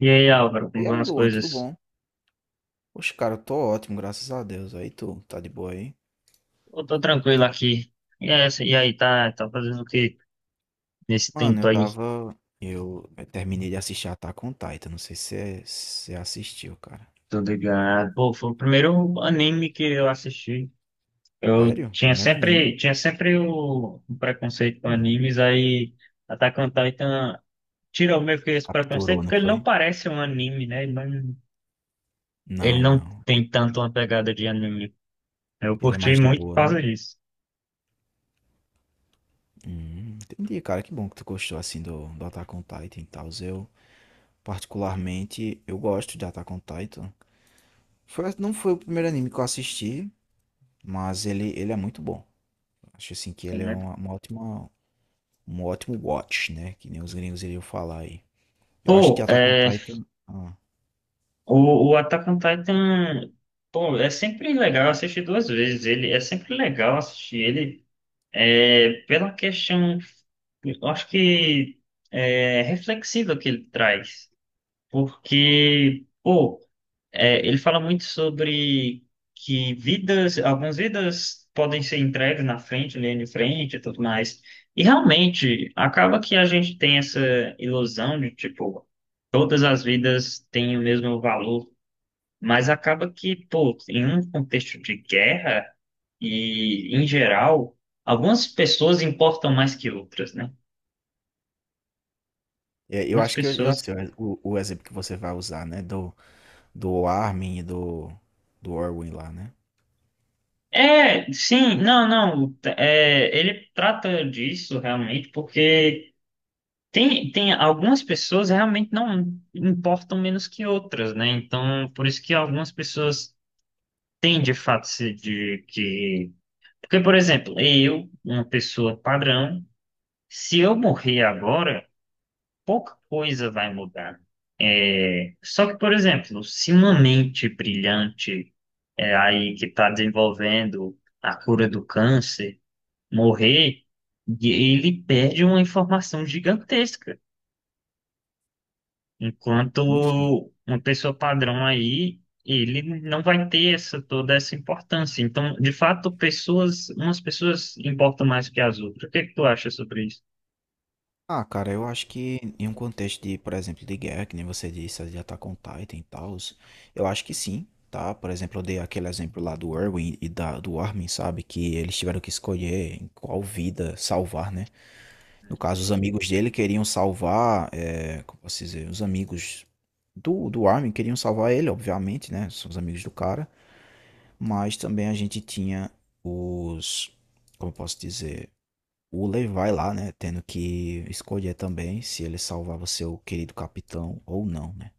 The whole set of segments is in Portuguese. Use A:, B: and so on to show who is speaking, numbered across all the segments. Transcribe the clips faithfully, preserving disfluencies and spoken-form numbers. A: E aí, Álvaro, como
B: E
A: vão
B: aí,
A: as
B: Luan, tudo
A: coisas?
B: bom? Oxe, cara, eu tô ótimo, graças a Deus. Aí tu, tá de boa aí?
A: Eu tô tranquilo aqui. E é essa, e aí, tá, tá fazendo o que nesse
B: Mano, eu
A: tempo aí?
B: tava. Eu terminei de assistir Attack on Titan. Não sei se você se assistiu, cara.
A: Tô ligado. Pô, foi o primeiro anime que eu assisti. Eu
B: Sério?
A: tinha
B: Primeiro anime.
A: sempre, tinha sempre o, o preconceito com
B: Hum,
A: animes, aí Attack on Titan tirou meio que esse preconceito,
B: Capturou, não
A: porque ele
B: foi?
A: não parece um anime, né? Ele não, ele
B: Não,
A: não
B: não.
A: tem tanto uma pegada de anime. Eu
B: Ele é
A: curti
B: mais de
A: muito por
B: boa, né?
A: causa disso,
B: Hum, entendi, cara. Que bom que tu gostou assim do, do Attack on Titan e tal. Eu, particularmente, eu gosto de Attack on Titan. Foi, não foi o primeiro anime que eu assisti, mas ele, ele é muito bom. Acho assim que ele é
A: né?
B: uma, uma ótima. Um ótimo watch, né, que nem os gringos iriam falar aí. Eu acho que
A: Pô,
B: Attack on
A: é,
B: Titan hã.
A: O, o Attack on Titan, pô, é sempre legal assistir duas vezes. Ele é sempre legal assistir ele é, pela questão, eu acho que é, reflexiva que ele traz, porque pô, é, ele fala muito sobre que vidas, algumas vidas podem ser entregues na frente, linha de frente e tudo mais. E realmente acaba que a gente tem essa ilusão de tipo todas as vidas têm o mesmo valor, mas acaba que, pô, em um contexto de guerra e, em geral, algumas pessoas importam mais que outras, né?
B: É, eu
A: Algumas
B: acho que eu já
A: pessoas.
B: sei o o exemplo que você vai usar, né, do do Armin e do do Orwin lá, né.
A: É, sim, não, não. t- É, ele trata disso realmente porque tem, tem algumas pessoas realmente não importam menos que outras, né? Então, por isso que algumas pessoas têm de fato se de que. Porque, por exemplo, eu, uma pessoa padrão, se eu morrer agora, pouca coisa vai mudar. Só que, por exemplo, se uma mente brilhante é, aí que está desenvolvendo a cura do câncer morrer, e ele perde uma informação gigantesca. Enquanto
B: Enfim.
A: uma pessoa padrão aí, ele não vai ter essa, toda essa importância. Então, de fato, pessoas, umas pessoas importam mais que as outras. O que é que tu acha sobre isso?
B: Ah, cara, eu acho que em um contexto de, por exemplo, de guerra, que nem você disse, de Attack on Titan e tal, eu acho que sim, tá. Por exemplo, eu dei aquele exemplo lá do Erwin e da do Armin, sabe, que eles tiveram que escolher em qual vida salvar, né. No caso, os amigos dele queriam salvar, é, como posso dizer, os amigos do, do Armin queriam salvar ele, obviamente, né? São os amigos do cara. Mas também a gente tinha os, como eu posso dizer, o Levi lá, né? Tendo que escolher também se ele salvava seu querido capitão ou não, né?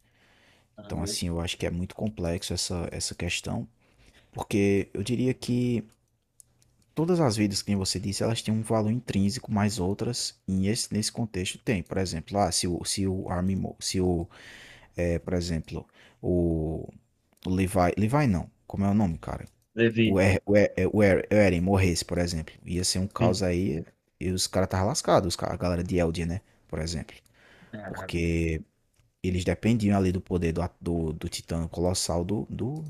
A: Ah,
B: Então, assim, eu acho que é muito complexo essa, essa questão, porque eu diria que todas as vidas, que você disse, elas têm um valor intrínseco, mas outras, em esse- nesse contexto, tem. Por exemplo, ah, se o, se o Armin, Mo- se o, é, por exemplo, o, o Levi, Levi não, como é o nome, cara?
A: Levi.
B: O, er, o, er, é, o Er- o Eren morresse, por exemplo, ia ser um
A: Sim.
B: caos aí, e os caras estavam lascados, os ca- a galera de Eldia, né, por exemplo.
A: Ah,
B: Porque eles dependiam ali do poder do, a- do, do Titã Colossal do, do,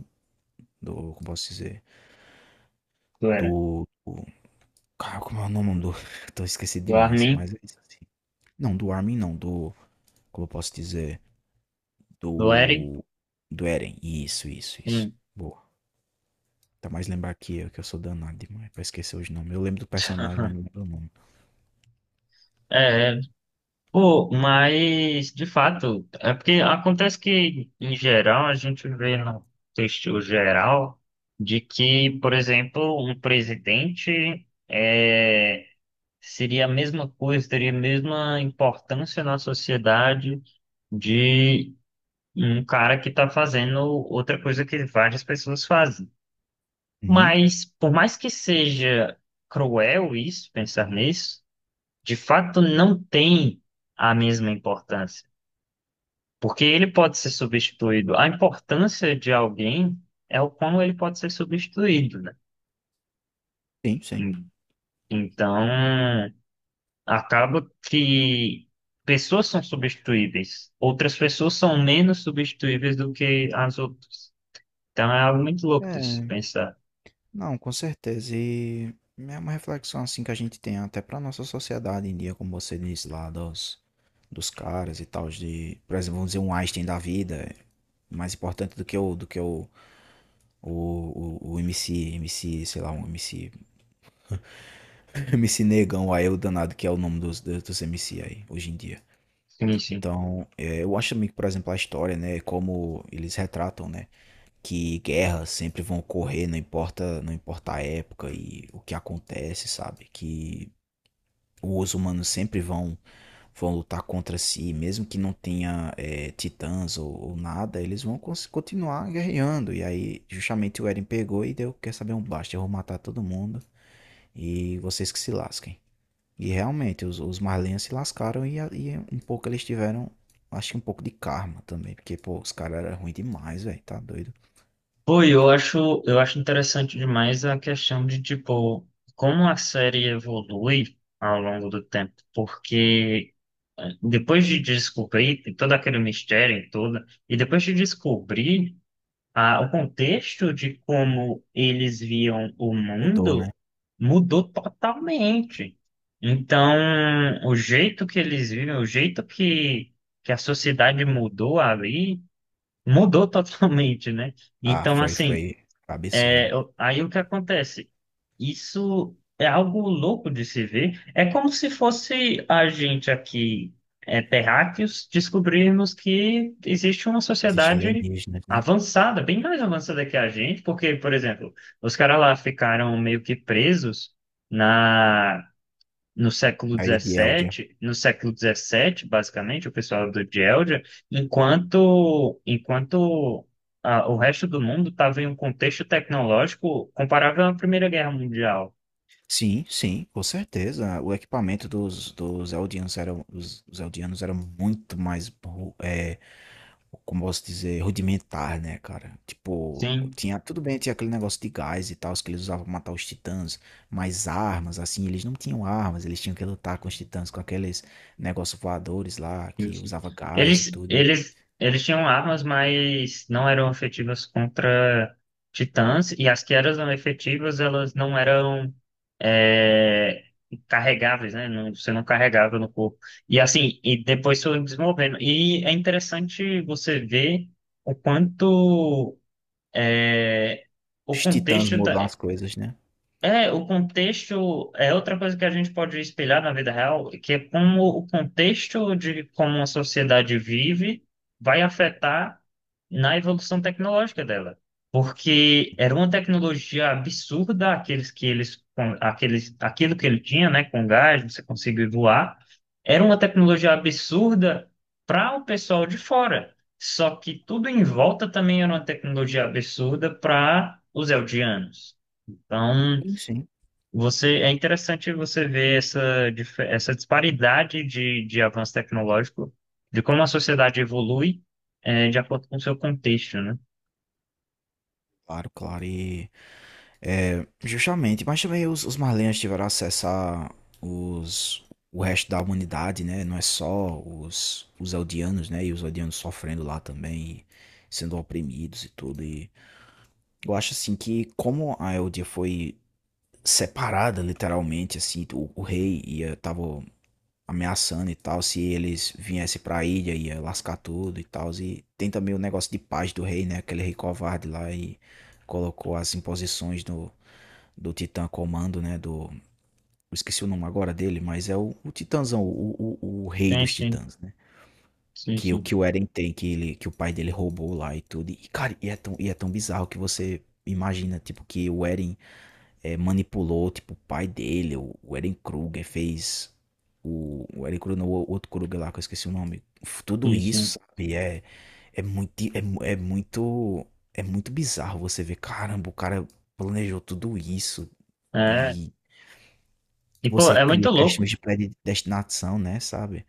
B: do, como posso dizer,
A: do Eren.
B: do, cara, como é o nome do? Tô esquecido
A: Do
B: demais,
A: Armin,
B: mas é isso assim. Não, do Armin não, do. Como eu posso dizer?
A: do Eren.
B: Do. Do Eren. Isso, isso, isso.
A: Sim.
B: Boa. Tá mais lembrar que eu, que eu sou danado demais pra esquecer os nomes. Eu lembro do personagem, mas não lembro o nome.
A: É, é. Pô, mas de fato, é porque acontece que, em geral, a gente vê no texto geral de que, por exemplo, um presidente é, seria a mesma coisa, teria a mesma importância na sociedade de um cara que está fazendo outra coisa que várias pessoas fazem.
B: Uhum.
A: Mas, por mais que seja cruel isso, pensar nisso, de fato não tem a mesma importância, porque ele pode ser substituído. A importância de alguém é o como ele pode ser substituído, né?
B: Sim, sim.
A: En- Então, acaba que pessoas são substituíveis, outras pessoas são menos substituíveis do que as outras. Então, é algo muito louco de se
B: É,
A: pensar.
B: não, com certeza. E é uma reflexão assim que a gente tem até pra nossa sociedade em dia, como você disse lá, dos, dos caras e tal, de, por exemplo, vamos dizer, um Einstein da vida, é mais importante do que o, do que o, O, o, o MC, MC, sei lá, um MC, MC Negão, aí o danado, que é o nome dos, dos M C aí, hoje em dia.
A: Sim, sim.
B: Então, é, eu acho também que, por exemplo, a história, né, como eles retratam, né, que guerras sempre vão ocorrer, não importa, não importa a época e o que acontece, sabe? Que os humanos sempre vão, vão lutar contra si, mesmo que não tenha é, titãs ou, ou nada, eles vão cons- continuar guerreando. E aí, justamente o Eren pegou e deu, quer saber, um basta, eu vou matar todo mundo. E vocês que se lasquem. E realmente, os, os Marlins se lascaram e, e um pouco eles tiveram, acho que um pouco de karma também. Porque, pô, os caras eram ruins demais, velho. Tá doido.
A: Pô, eu acho, eu acho interessante demais a questão de, tipo, como a série evolui ao longo do tempo, porque eh, depois de descobrir todo aquele mistério e tudo, e depois de descobrir ah, o contexto de como eles viam o
B: Mudou, né?
A: mundo, mudou totalmente. Então, o jeito que eles vivem, o jeito que, que a sociedade mudou ali, mudou totalmente, né?
B: Ah,
A: Então,
B: foi,
A: assim.
B: foi
A: É,
B: absurdo.
A: eu- aí o que acontece? Isso é algo louco de se ver. É como se fosse a gente aqui, é, terráqueos, descobrirmos que existe uma
B: Existe
A: sociedade
B: alienígenas, né?
A: avançada, bem mais avançada que a gente, porque, por exemplo, os caras lá ficaram meio que presos na no século
B: A ilha de Eldia.
A: dezessete, no século dezessete basicamente, o pessoal do Geldia, enquanto, enquanto ah, o resto do mundo estava em um contexto tecnológico comparável à Primeira Guerra Mundial.
B: Sim, sim, com certeza. O equipamento dos, dos Eldianos era, os, os Eldianos eram muito mais ru- é, como posso dizer, rudimentar, né, cara? Tipo,
A: Sim.
B: tinha, tudo bem, tinha aquele negócio de gás e tal, que eles usavam pra matar os titãs, mas armas, assim, eles não tinham armas, eles tinham que lutar com os titãs, com aqueles negócios voadores lá,
A: Sim,
B: que
A: sim.
B: usava gás e
A: Eles,
B: tudo.
A: eles, eles tinham armas, mas não eram efetivas contra titãs, e as que eram efetivas, elas não eram é, carregáveis, né? Não- você não carregava no corpo. E assim, e depois foram desenvolvendo. E é interessante você ver o quanto é, o
B: Os titãs
A: contexto
B: mudam as coisas, né?
A: é, o contexto é outra coisa que a gente pode espelhar na vida real, que é como o contexto de como uma sociedade vive vai afetar na evolução tecnológica dela. Porque era uma tecnologia absurda aqueles que eles, com- aqueles, aquilo que ele tinha, né, com gás, você conseguir voar, era uma tecnologia absurda para o pessoal de fora. Só que tudo em volta também era uma tecnologia absurda para os eldianos. Então,
B: Sim, sim.
A: você, é interessante você ver essa, dif- essa disparidade de, de, avanço tecnológico, de como a sociedade evolui, eh, de acordo com o seu contexto, né?
B: Claro, claro, e é, justamente, mas também os, os Marlens tiveram acesso a os, o resto da humanidade, né? Não é só os, os Eldianos, né? E os Eldianos sofrendo lá também, sendo oprimidos e tudo. E eu acho assim que como a Eldia foi separada literalmente, assim, o, o rei ia, tava ameaçando e tal, se eles viessem pra ilha ia lascar tudo e tal. E tem também o negócio de paz do rei, né? Aquele rei covarde lá e colocou as imposições no do Titã Comando, né? Do. Eu esqueci o nome agora dele, mas é o, o Titãzão, o, o, o rei
A: Sim,
B: dos
A: sim,
B: Titãs, né?
A: sim,
B: Que o
A: sim,
B: que o Eren tem, que, ele, que o pai dele roubou lá e tudo. E, cara, e é tão, e é tão bizarro que você imagina, tipo, que o Eren é, manipulou, tipo, o pai dele, o, o Eren Kruger fez. O, o Eren Kruger, não, o outro Kruger lá, que eu esqueci o nome. Tudo
A: sim, sim.
B: isso, sabe? É, é, muito, é, mu- é muito. É muito bizarro você ver, caramba, o cara planejou tudo isso.
A: É, e, pô,
B: Você
A: é muito
B: cria
A: louco.
B: questões de predestinação, né, sabe.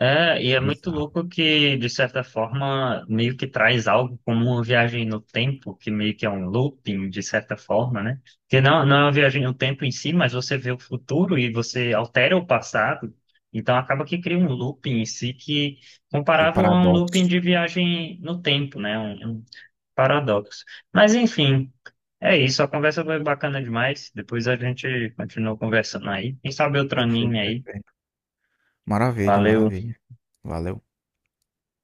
A: É, e
B: É
A: é muito
B: bizarro.
A: louco que, de certa forma, meio que traz algo como uma viagem no tempo, que meio que é um looping, de certa forma, né? Que não, não é uma viagem no tempo em si, mas você vê o futuro e você altera o passado, então acaba que cria um looping em si que,
B: E o
A: comparável a um
B: paradoxo.
A: looping de viagem no tempo, né? Um, um paradoxo. Mas, enfim, é isso, a conversa foi bacana demais, depois a gente continua conversando aí. Quem sabe outro
B: Perfeito,
A: anime aí.
B: perfeito. Maravilha,
A: Valeu!
B: maravilha. Valeu.